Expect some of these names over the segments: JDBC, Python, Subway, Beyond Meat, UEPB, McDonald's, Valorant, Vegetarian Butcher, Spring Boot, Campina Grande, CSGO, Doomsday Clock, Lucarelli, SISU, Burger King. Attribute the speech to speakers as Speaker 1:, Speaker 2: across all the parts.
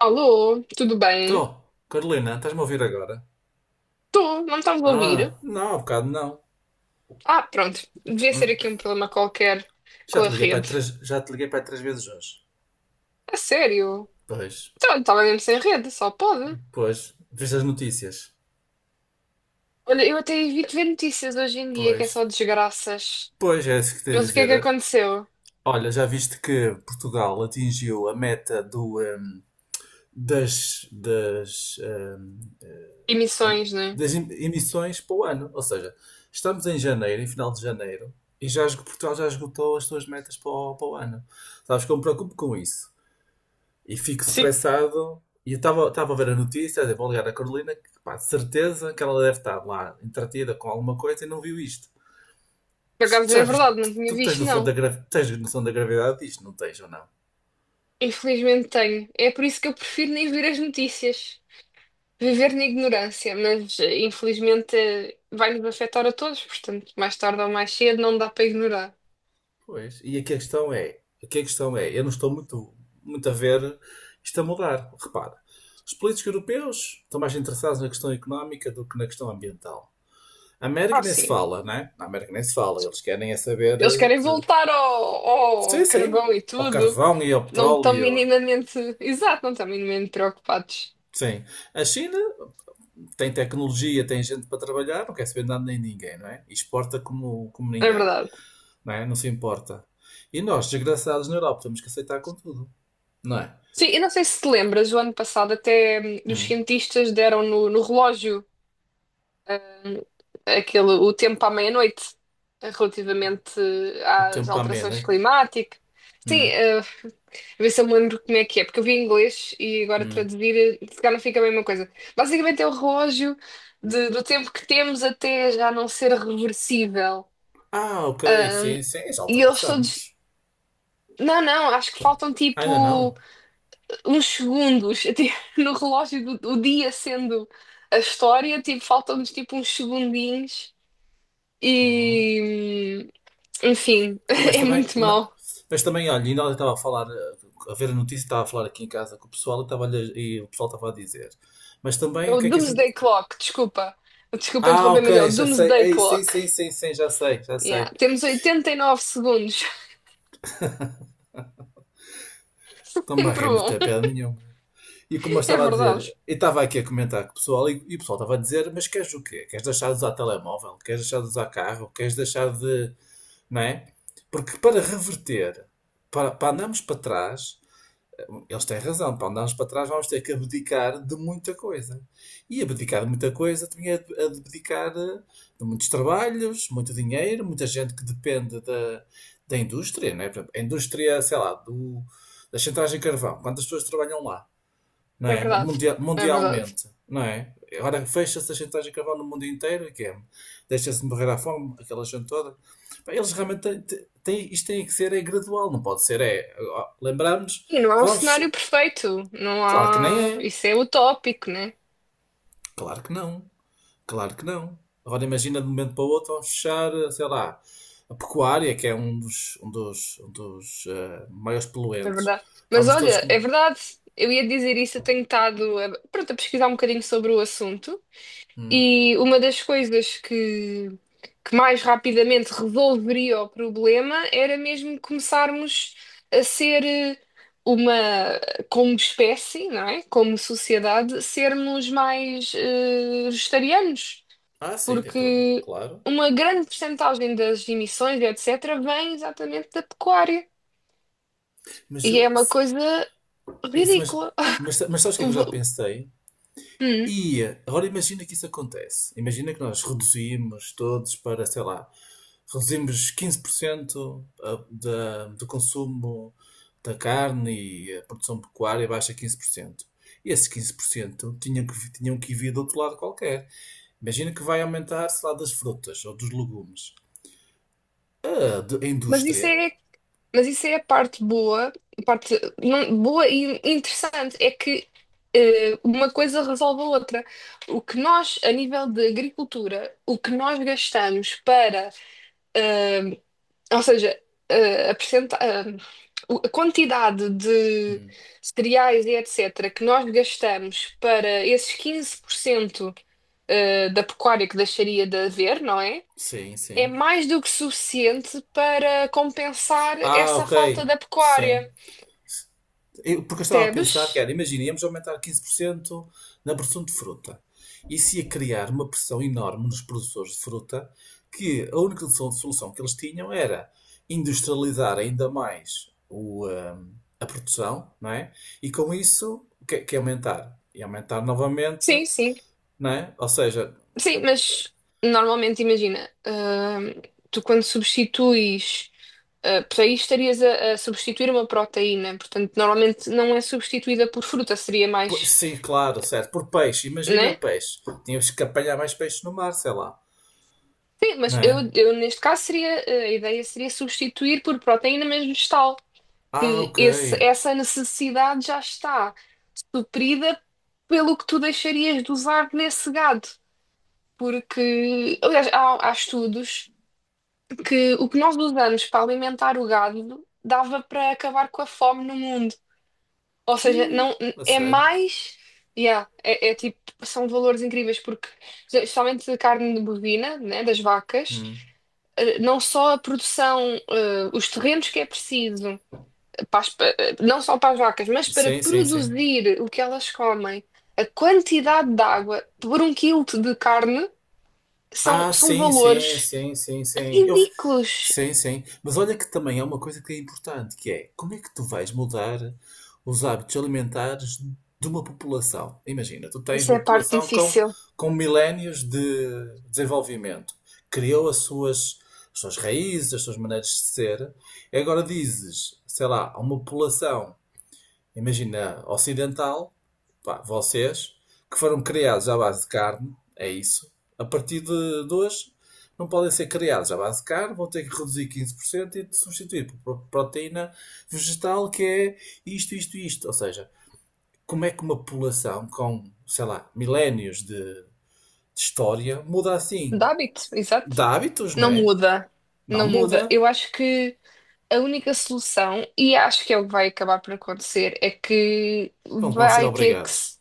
Speaker 1: Alô, tudo bem?
Speaker 2: Tô, Carolina, estás-me a ouvir agora?
Speaker 1: Estou, não me estás a ouvir?
Speaker 2: Ah, não, há bocado não.
Speaker 1: Ah, pronto, devia ser
Speaker 2: Hum.
Speaker 1: aqui um problema qualquer
Speaker 2: Já
Speaker 1: com
Speaker 2: te
Speaker 1: a
Speaker 2: liguei para aí
Speaker 1: rede.
Speaker 2: três, já te liguei para aí três vezes hoje.
Speaker 1: A sério?
Speaker 2: Pois.
Speaker 1: Então, eu estava mesmo sem rede, só pode.
Speaker 2: Pois. Viste as notícias?
Speaker 1: Olha, eu até evito ver notícias hoje em dia, que é
Speaker 2: Pois.
Speaker 1: só desgraças.
Speaker 2: Pois, é isso que tenho a
Speaker 1: Mas o que é que
Speaker 2: dizer.
Speaker 1: aconteceu?
Speaker 2: Olha, já viste que Portugal atingiu a meta do, das, hum,
Speaker 1: Emissões, não é?
Speaker 2: das emissões para o ano. Ou seja, estamos em janeiro, em final de janeiro, e já Portugal já esgotou as suas metas para o, para o ano. Sabes que eu me preocupo com isso. E fico
Speaker 1: Sim,
Speaker 2: estressado. E eu estava a ver a notícia, a dizer, vou ligar à Carolina, que pá, de certeza que ela deve estar lá entretida com alguma coisa e não viu isto.
Speaker 1: por acaso
Speaker 2: Tu
Speaker 1: é
Speaker 2: já viste?
Speaker 1: verdade, não tinha
Speaker 2: Tu tens
Speaker 1: visto,
Speaker 2: noção da,
Speaker 1: não.
Speaker 2: tens noção da gravidade disto? Não tens ou não?
Speaker 1: Infelizmente tenho. É por isso que eu prefiro nem ver as notícias. Viver na ignorância, mas infelizmente vai-nos afetar a todos, portanto, mais tarde ou mais cedo não dá para ignorar.
Speaker 2: Pois. E aqui a questão é, aqui a questão é, eu não estou muito, muito a ver isto a mudar. Repara, os políticos europeus estão mais interessados na questão económica do que na questão ambiental. A América
Speaker 1: Ah,
Speaker 2: nem se
Speaker 1: sim.
Speaker 2: fala, né? Na América nem se fala. Eles querem é saber
Speaker 1: Eles querem
Speaker 2: de...
Speaker 1: voltar ao,
Speaker 2: Sim,
Speaker 1: ao
Speaker 2: sim.
Speaker 1: carvão e
Speaker 2: Ao
Speaker 1: tudo.
Speaker 2: carvão e ao
Speaker 1: Não estão
Speaker 2: petróleo.
Speaker 1: minimamente. Exato, não estão minimamente preocupados.
Speaker 2: Sim. A China tem tecnologia, tem gente para trabalhar, não quer saber nada nem ninguém, não é? E exporta como, como
Speaker 1: É
Speaker 2: ninguém,
Speaker 1: verdade.
Speaker 2: não é? Não se importa. E nós, desgraçados na Europa, temos que aceitar com tudo, não é?
Speaker 1: Sim, e não sei se te lembras, o ano passado até os
Speaker 2: Hum.
Speaker 1: cientistas deram no, no relógio. Aquele, o tempo à meia-noite relativamente
Speaker 2: O
Speaker 1: às
Speaker 2: tempo ameno,
Speaker 1: alterações
Speaker 2: é?
Speaker 1: climáticas. Sim,
Speaker 2: Hum.
Speaker 1: a ver se eu me lembro como é que é, porque eu vi em inglês e agora
Speaker 2: Hum.
Speaker 1: traduzir, se calhar não fica a mesma coisa. Basicamente é o relógio do tempo que temos até já não ser reversível.
Speaker 2: Ah, ok,
Speaker 1: Ahm,
Speaker 2: sim, sim, já
Speaker 1: e eles todos.
Speaker 2: ultrapassamos.
Speaker 1: Não, não, acho que faltam
Speaker 2: Ainda
Speaker 1: tipo
Speaker 2: não.
Speaker 1: uns segundos até no relógio do, do dia sendo a história, tipo, faltam-nos tipo uns segundinhos
Speaker 2: Hum.
Speaker 1: e, enfim,
Speaker 2: Mas
Speaker 1: é
Speaker 2: também,
Speaker 1: muito mau.
Speaker 2: mas, também, olha, ainda ontem estava a falar, a ver a notícia, estava a falar aqui em casa com o pessoal e, estava e o pessoal estava a dizer. Mas
Speaker 1: É
Speaker 2: também, o
Speaker 1: o
Speaker 2: que é que a gente.
Speaker 1: Doomsday Clock, desculpa. Desculpa
Speaker 2: Ah,
Speaker 1: interromper, mas é
Speaker 2: ok,
Speaker 1: o
Speaker 2: já sei.
Speaker 1: Doomsday
Speaker 2: Ei, sim,
Speaker 1: Clock.
Speaker 2: sim, sim, sim, já sei, já
Speaker 1: Yeah.
Speaker 2: sei.
Speaker 1: Temos 89 segundos.
Speaker 2: Não me
Speaker 1: Sempre
Speaker 2: arremeteu
Speaker 1: bom.
Speaker 2: a piada nenhuma. E como eu
Speaker 1: É
Speaker 2: estava a dizer,
Speaker 1: verdade.
Speaker 2: eu estava aqui a comentar com o pessoal e o pessoal estava a dizer, mas queres o quê? Queres deixar de usar telemóvel? Queres deixar de usar carro? Queres deixar de... Não é? Porque para reverter, para, para andarmos para trás, eles têm razão, para andarmos para trás vamos ter que abdicar de muita coisa. E abdicar de muita coisa também é abdicar de muitos trabalhos, muito dinheiro, muita gente que depende da, da indústria, não é? Por exemplo, a indústria, sei lá, do, da chantagem de carvão, quantas pessoas trabalham lá, não
Speaker 1: É
Speaker 2: é?
Speaker 1: verdade. É verdade.
Speaker 2: Mundialmente, não é? Agora fecha-se a chantagem de carvão no mundo inteiro, e que é? Deixa-se morrer à fome, aquela gente toda. Pá, eles realmente têm, isto tem que ser é gradual, não pode ser é. Ó, lembramos,
Speaker 1: E não há um
Speaker 2: vamos.
Speaker 1: cenário perfeito. Não
Speaker 2: Claro que nem é.
Speaker 1: há. Isso é utópico, né?
Speaker 2: Claro que não. Claro que não. Agora imagina de um momento para o outro vamos fechar, sei lá, a pecuária, que é um dos, um dos, um dos maiores
Speaker 1: É
Speaker 2: poluentes.
Speaker 1: verdade. Mas
Speaker 2: Vamos todos
Speaker 1: olha,
Speaker 2: com.
Speaker 1: é verdade. Eu ia dizer isso, eu tenho estado a, pronto, a pesquisar um bocadinho sobre o assunto.
Speaker 2: Hum.
Speaker 1: E uma das coisas que mais rapidamente resolveria o problema era mesmo começarmos a ser uma, como espécie, não é? Como sociedade, sermos mais vegetarianos,
Speaker 2: Ah, sim, tem todo.
Speaker 1: porque
Speaker 2: Claro.
Speaker 1: uma grande percentagem das emissões, etc., vem exatamente da pecuária.
Speaker 2: Mas
Speaker 1: E é
Speaker 2: eu.
Speaker 1: uma coisa
Speaker 2: Isso,
Speaker 1: ridícula.
Speaker 2: mas sabes o que é
Speaker 1: O
Speaker 2: que eu
Speaker 1: va-
Speaker 2: já pensei?
Speaker 1: Hum,
Speaker 2: Ia. Agora imagina que isso acontece. Imagina que nós reduzimos todos para, sei lá, reduzimos 15% da, do consumo da carne e a produção pecuária baixa 15%. E esses 15% tinham que, tinham que vir do outro lado qualquer. Imagina que vai aumentar, sei lá, das frutas ou dos legumes. A, a
Speaker 1: Mas isso
Speaker 2: indústria.
Speaker 1: é Mas isso é a parte boa, a parte boa e interessante, é que uma coisa resolve a outra. O que nós, a nível de agricultura, o que nós gastamos para, eh, ou seja, eh, a percenta- eh, o- a quantidade de
Speaker 2: Hum.
Speaker 1: cereais e etc. que nós gastamos para esses 15% da pecuária que deixaria de haver, não é?
Speaker 2: Sim,
Speaker 1: É
Speaker 2: sim.
Speaker 1: mais do que suficiente para compensar
Speaker 2: Ah,
Speaker 1: essa
Speaker 2: ok.
Speaker 1: falta da
Speaker 2: Sim.
Speaker 1: pecuária,
Speaker 2: Porque eu estava a pensar que
Speaker 1: percebes?
Speaker 2: era, imaginemos aumentar 15% na produção de fruta. Isso ia criar uma pressão enorme nos produtores de fruta, que a única solução que eles tinham era industrializar ainda mais o, a produção, não é? E com isso, o que, que é aumentar? E aumentar novamente,
Speaker 1: Sim, sim.
Speaker 2: não é? Ou seja,
Speaker 1: Sim, mas normalmente imagina, tu quando substituis por aí estarias a substituir uma proteína, portanto normalmente não é substituída por fruta, seria mais,
Speaker 2: sim, claro, certo, por peixe, imagina
Speaker 1: né?
Speaker 2: peixe. Tínhamos que apanhar mais peixe no mar, sei lá,
Speaker 1: Sim,
Speaker 2: não
Speaker 1: mas
Speaker 2: é?
Speaker 1: eu neste caso seria, a ideia seria substituir por proteína mesmo vegetal,
Speaker 2: Ah,
Speaker 1: que
Speaker 2: ok.
Speaker 1: esse, essa necessidade já está suprida pelo que tu deixarias de usar nesse gado. Porque, aliás, há, há estudos que o que nós usamos para alimentar o gado dava para acabar com a fome no mundo. Ou
Speaker 2: Tchê,
Speaker 1: seja, não,
Speaker 2: a
Speaker 1: é
Speaker 2: sério.
Speaker 1: mais. Yeah, é, é tipo, são valores incríveis, porque, especialmente a carne de bovina, né, das vacas,
Speaker 2: Hum.
Speaker 1: não só a produção, os terrenos que é preciso, para as, não só para as vacas, mas para
Speaker 2: Sim, sim, sim.
Speaker 1: produzir o que elas comem, a quantidade de água por um quilo de carne são,
Speaker 2: Ah,
Speaker 1: são
Speaker 2: sim, sim,
Speaker 1: valores
Speaker 2: sim, sim, sim. Eu...
Speaker 1: ridículos.
Speaker 2: Sim, sim. Mas olha que também é uma coisa que é importante, que é como é que tu vais mudar os hábitos alimentares de uma população? Imagina, tu tens
Speaker 1: Essa é
Speaker 2: uma
Speaker 1: a parte
Speaker 2: população
Speaker 1: difícil
Speaker 2: com milénios de desenvolvimento. Criou as suas raízes, as suas maneiras de ser. E agora dizes, sei lá, a uma população. Imagina, ocidental, pá, vocês, que foram criados à base de carne, é isso. A partir de hoje, não podem ser criados à base de carne, vão ter que reduzir 15% e substituir por proteína vegetal, que é isto, isto, isto. Ou seja, como é que uma população com, sei lá, milénios de história muda assim?
Speaker 1: do hábito, exato.
Speaker 2: De hábitos, não
Speaker 1: Não
Speaker 2: é?
Speaker 1: muda,
Speaker 2: Não
Speaker 1: não muda.
Speaker 2: muda.
Speaker 1: Eu acho que a única solução, e acho que é o que vai acabar por acontecer, é que
Speaker 2: Pronto, vamos ser
Speaker 1: vai ter que
Speaker 2: obrigados.
Speaker 1: se...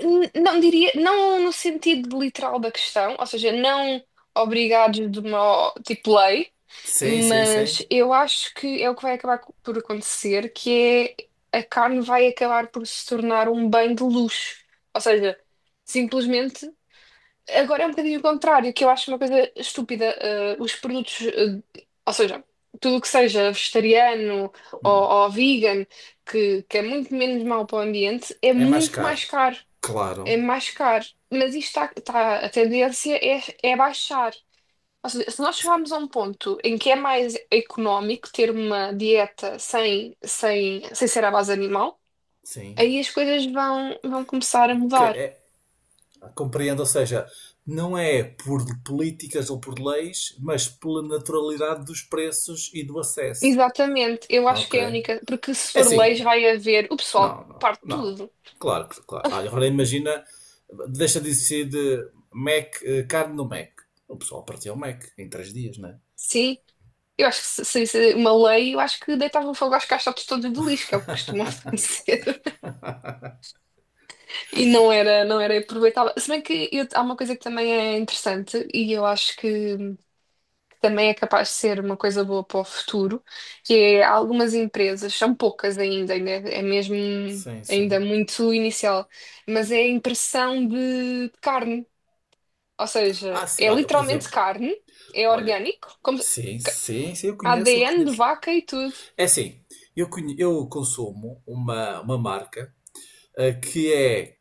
Speaker 1: Não diria, não no sentido literal da questão, ou seja, não obrigados de uma, tipo, lei,
Speaker 2: Sim, sim, sim.
Speaker 1: mas eu acho que é o que vai por acontecer, que é a carne vai acabar por se tornar um bem de luxo. Ou seja, simplesmente, agora é um bocadinho o contrário, que eu acho uma coisa estúpida. Eh, os produtos, ou seja, tudo o que seja vegetariano ou,
Speaker 2: Hum.
Speaker 1: ou vegan, que é muito menos mau para o ambiente, é
Speaker 2: É mais
Speaker 1: muito
Speaker 2: caro.
Speaker 1: mais caro,
Speaker 2: Claro.
Speaker 1: é mais caro. Mas isto está, a tendência é, é baixar. Ou seja, se nós chegarmos a um ponto em que é mais económico ter uma dieta sem, sem, sem ser à base animal,
Speaker 2: Sim.
Speaker 1: aí as coisas vão, vão começar a
Speaker 2: Que
Speaker 1: mudar.
Speaker 2: é, compreendo, ou seja, não é por políticas ou por leis, mas pela naturalidade dos preços e do acesso.
Speaker 1: Exatamente, eu acho que
Speaker 2: Ok.
Speaker 1: é a única,
Speaker 2: É
Speaker 1: porque se for leis
Speaker 2: assim,
Speaker 1: vai haver, o pessoal
Speaker 2: não, não,
Speaker 1: parte
Speaker 2: não.
Speaker 1: tudo,
Speaker 2: Claro, claro. Olha, agora imagina, deixa de ser de Mac, carne no Mac. O pessoal partiu o Mac em três dias, não é?
Speaker 1: sim. Eu acho que se uma lei, eu acho que deitava fogo às caixotes todas de lixo, que é o que costumam fazer. E não era, não era aproveitável. Se bem que há uma coisa que também é interessante e eu acho que também é capaz de ser uma coisa boa para o futuro, que é algumas empresas, são poucas ainda, ainda é mesmo
Speaker 2: Sim, sim.
Speaker 1: ainda muito inicial, mas é a impressão de carne. Ou seja,
Speaker 2: Ah, sim,
Speaker 1: é
Speaker 2: olha, por
Speaker 1: literalmente
Speaker 2: exemplo,
Speaker 1: carne, é
Speaker 2: olha,
Speaker 1: orgânico, como
Speaker 2: sim, sim, sim, eu conheço, eu
Speaker 1: ADN de
Speaker 2: conheço.
Speaker 1: vaca e tudo.
Speaker 2: É assim, eu, eu consumo uma marca eh, que é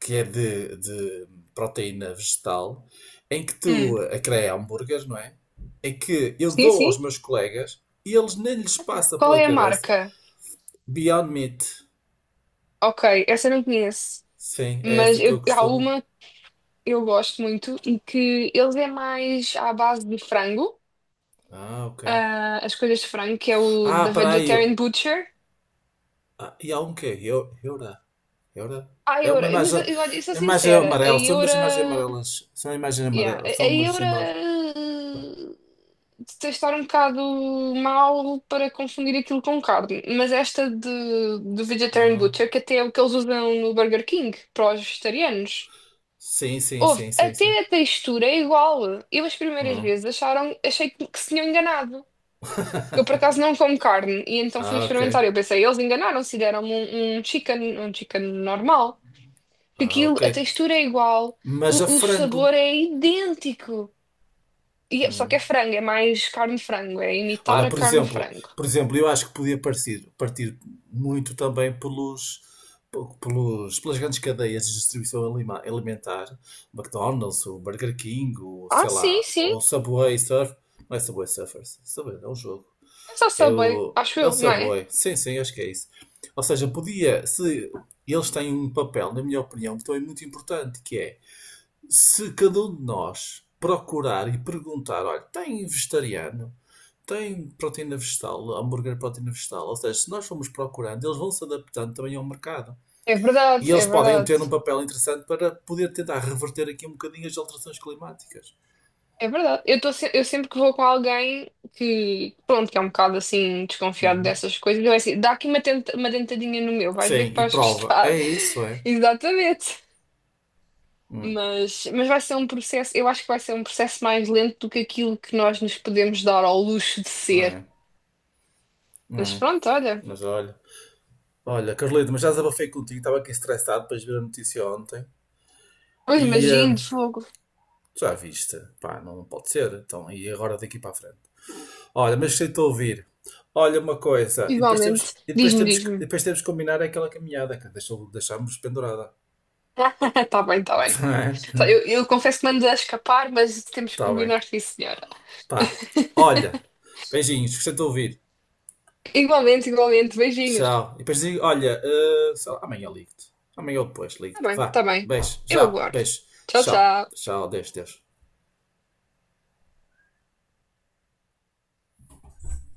Speaker 2: que é de proteína vegetal, em que
Speaker 1: Hum,
Speaker 2: tu a creia hambúrgueres, não é? Em que eu
Speaker 1: sim,
Speaker 2: dou aos
Speaker 1: sim.
Speaker 2: meus colegas e eles nem lhes passa
Speaker 1: Qual
Speaker 2: pela
Speaker 1: é a
Speaker 2: cabeça.
Speaker 1: marca?
Speaker 2: Beyond Meat.
Speaker 1: Ok, essa eu não conheço.
Speaker 2: Sim, é
Speaker 1: Mas
Speaker 2: essa que
Speaker 1: eu,
Speaker 2: eu
Speaker 1: há
Speaker 2: costumo.
Speaker 1: uma, eu gosto muito e que eles é mais à base de frango,
Speaker 2: Ah, ok.
Speaker 1: ah, as coisas de frango, que é o
Speaker 2: Ah,
Speaker 1: da
Speaker 2: peraí.
Speaker 1: Vegetarian Butcher.
Speaker 2: Ah, e há um quê? Eura. Eura?
Speaker 1: A
Speaker 2: É
Speaker 1: Eura,
Speaker 2: uma
Speaker 1: mas
Speaker 2: imagem,
Speaker 1: eu, olha, eu sou
Speaker 2: imagem é
Speaker 1: sincera, a
Speaker 2: amarela. São umas imagens
Speaker 1: Eura,
Speaker 2: amarelas. São imagens
Speaker 1: yeah,
Speaker 2: amarelas.
Speaker 1: a
Speaker 2: São umas
Speaker 1: Eura
Speaker 2: embalagens.
Speaker 1: eh, de estar um bocado mal para confundir aquilo com carne, mas esta de, do Vegetarian
Speaker 2: Ah,
Speaker 1: Butcher, que até é o que eles usam no Burger King para os vegetarianos.
Speaker 2: sim, sim,
Speaker 1: Houve,
Speaker 2: sim, sim, sim.
Speaker 1: até a textura é igual. Eu as primeiras
Speaker 2: Ah,
Speaker 1: vezes acharam, achei que se tinham enganado. Porque eu por acaso não como carne e então fui
Speaker 2: ah, ok.
Speaker 1: experimentar. Eu pensei, eles enganaram-se, e deram-me um, um chicken normal. Porque
Speaker 2: Ah,
Speaker 1: aquilo,
Speaker 2: ok.
Speaker 1: a textura é igual,
Speaker 2: Mas a
Speaker 1: o
Speaker 2: frango.
Speaker 1: sabor é idêntico. E, só que é
Speaker 2: Hum.
Speaker 1: frango, é mais carne de frango, é imitar
Speaker 2: Olha,
Speaker 1: a carne de frango.
Speaker 2: por exemplo, eu acho que podia partir, partir muito também pelos, pelos, pelas grandes cadeias de distribuição alimentar, McDonald's, o Burger King, o,
Speaker 1: Ah,
Speaker 2: sei
Speaker 1: sim,
Speaker 2: lá,
Speaker 1: sim,
Speaker 2: o Subway Surf, não é Subway Surfers, Subway, é um jogo,
Speaker 1: é só
Speaker 2: é
Speaker 1: Subway,
Speaker 2: o,
Speaker 1: acho
Speaker 2: é o
Speaker 1: eu, não é?
Speaker 2: Subway, sim, sim, acho que é isso. Ou seja, podia, se eles têm um papel, na minha opinião, que também é muito importante, que é, se cada um de nós procurar e perguntar, olha, tem vegetariano? Tem proteína vegetal, hambúrguer proteína vegetal. Ou seja, se nós formos procurando, eles vão se adaptando também ao mercado.
Speaker 1: É
Speaker 2: E
Speaker 1: verdade,
Speaker 2: eles
Speaker 1: é
Speaker 2: podem
Speaker 1: verdade,
Speaker 2: ter um papel interessante para poder tentar reverter aqui um bocadinho as alterações climáticas.
Speaker 1: é verdade. Eu, tô, eu sempre que vou com alguém que, pronto, que é um bocado assim desconfiado
Speaker 2: Uhum.
Speaker 1: dessas coisas, eu é assim, dá aqui uma, tenta, uma dentadinha no meu, vais ver
Speaker 2: Sim,
Speaker 1: que
Speaker 2: e
Speaker 1: vais
Speaker 2: prova.
Speaker 1: gostar.
Speaker 2: É isso, é.
Speaker 1: Exatamente. Mas vai ser um processo, eu acho que vai ser um processo mais lento do que aquilo que nós nos podemos dar ao luxo de ser.
Speaker 2: É,
Speaker 1: Mas
Speaker 2: é.
Speaker 1: pronto, olha,
Speaker 2: Mas olha. Olha, Carlito, mas já desabafei contigo. Estava aqui estressado depois de ver a notícia ontem.
Speaker 1: pois
Speaker 2: E
Speaker 1: imagino, fogo.
Speaker 2: já viste. Pá, não pode ser. Então, e agora daqui para a frente? Olha, mas gostei de te ouvir. Olha uma coisa, e depois
Speaker 1: Igualmente,
Speaker 2: temos, e depois
Speaker 1: diz-me,
Speaker 2: temos, e
Speaker 1: diz-me.
Speaker 2: depois temos que combinar aquela caminhada que deixou, deixámos pendurada.
Speaker 1: Tá bem, tá bem.
Speaker 2: Não é?
Speaker 1: Tá, eu confesso que mando a escapar, mas temos que
Speaker 2: Tá bem.
Speaker 1: combinar, sim, senhora.
Speaker 2: Pá. Olha, beijinhos, gostei de te ouvir.
Speaker 1: Igualmente, igualmente, beijinhos.
Speaker 2: Tchau. E depois digo, olha, sei lá, amanhã ligo-te. Amanhã ou depois
Speaker 1: Tá
Speaker 2: ligo-te.
Speaker 1: bem, tá
Speaker 2: Vá,
Speaker 1: bem. Eu aguardo.
Speaker 2: beijo,
Speaker 1: Tchau,
Speaker 2: tchau,
Speaker 1: tchau.
Speaker 2: tchau, Deus, Deus.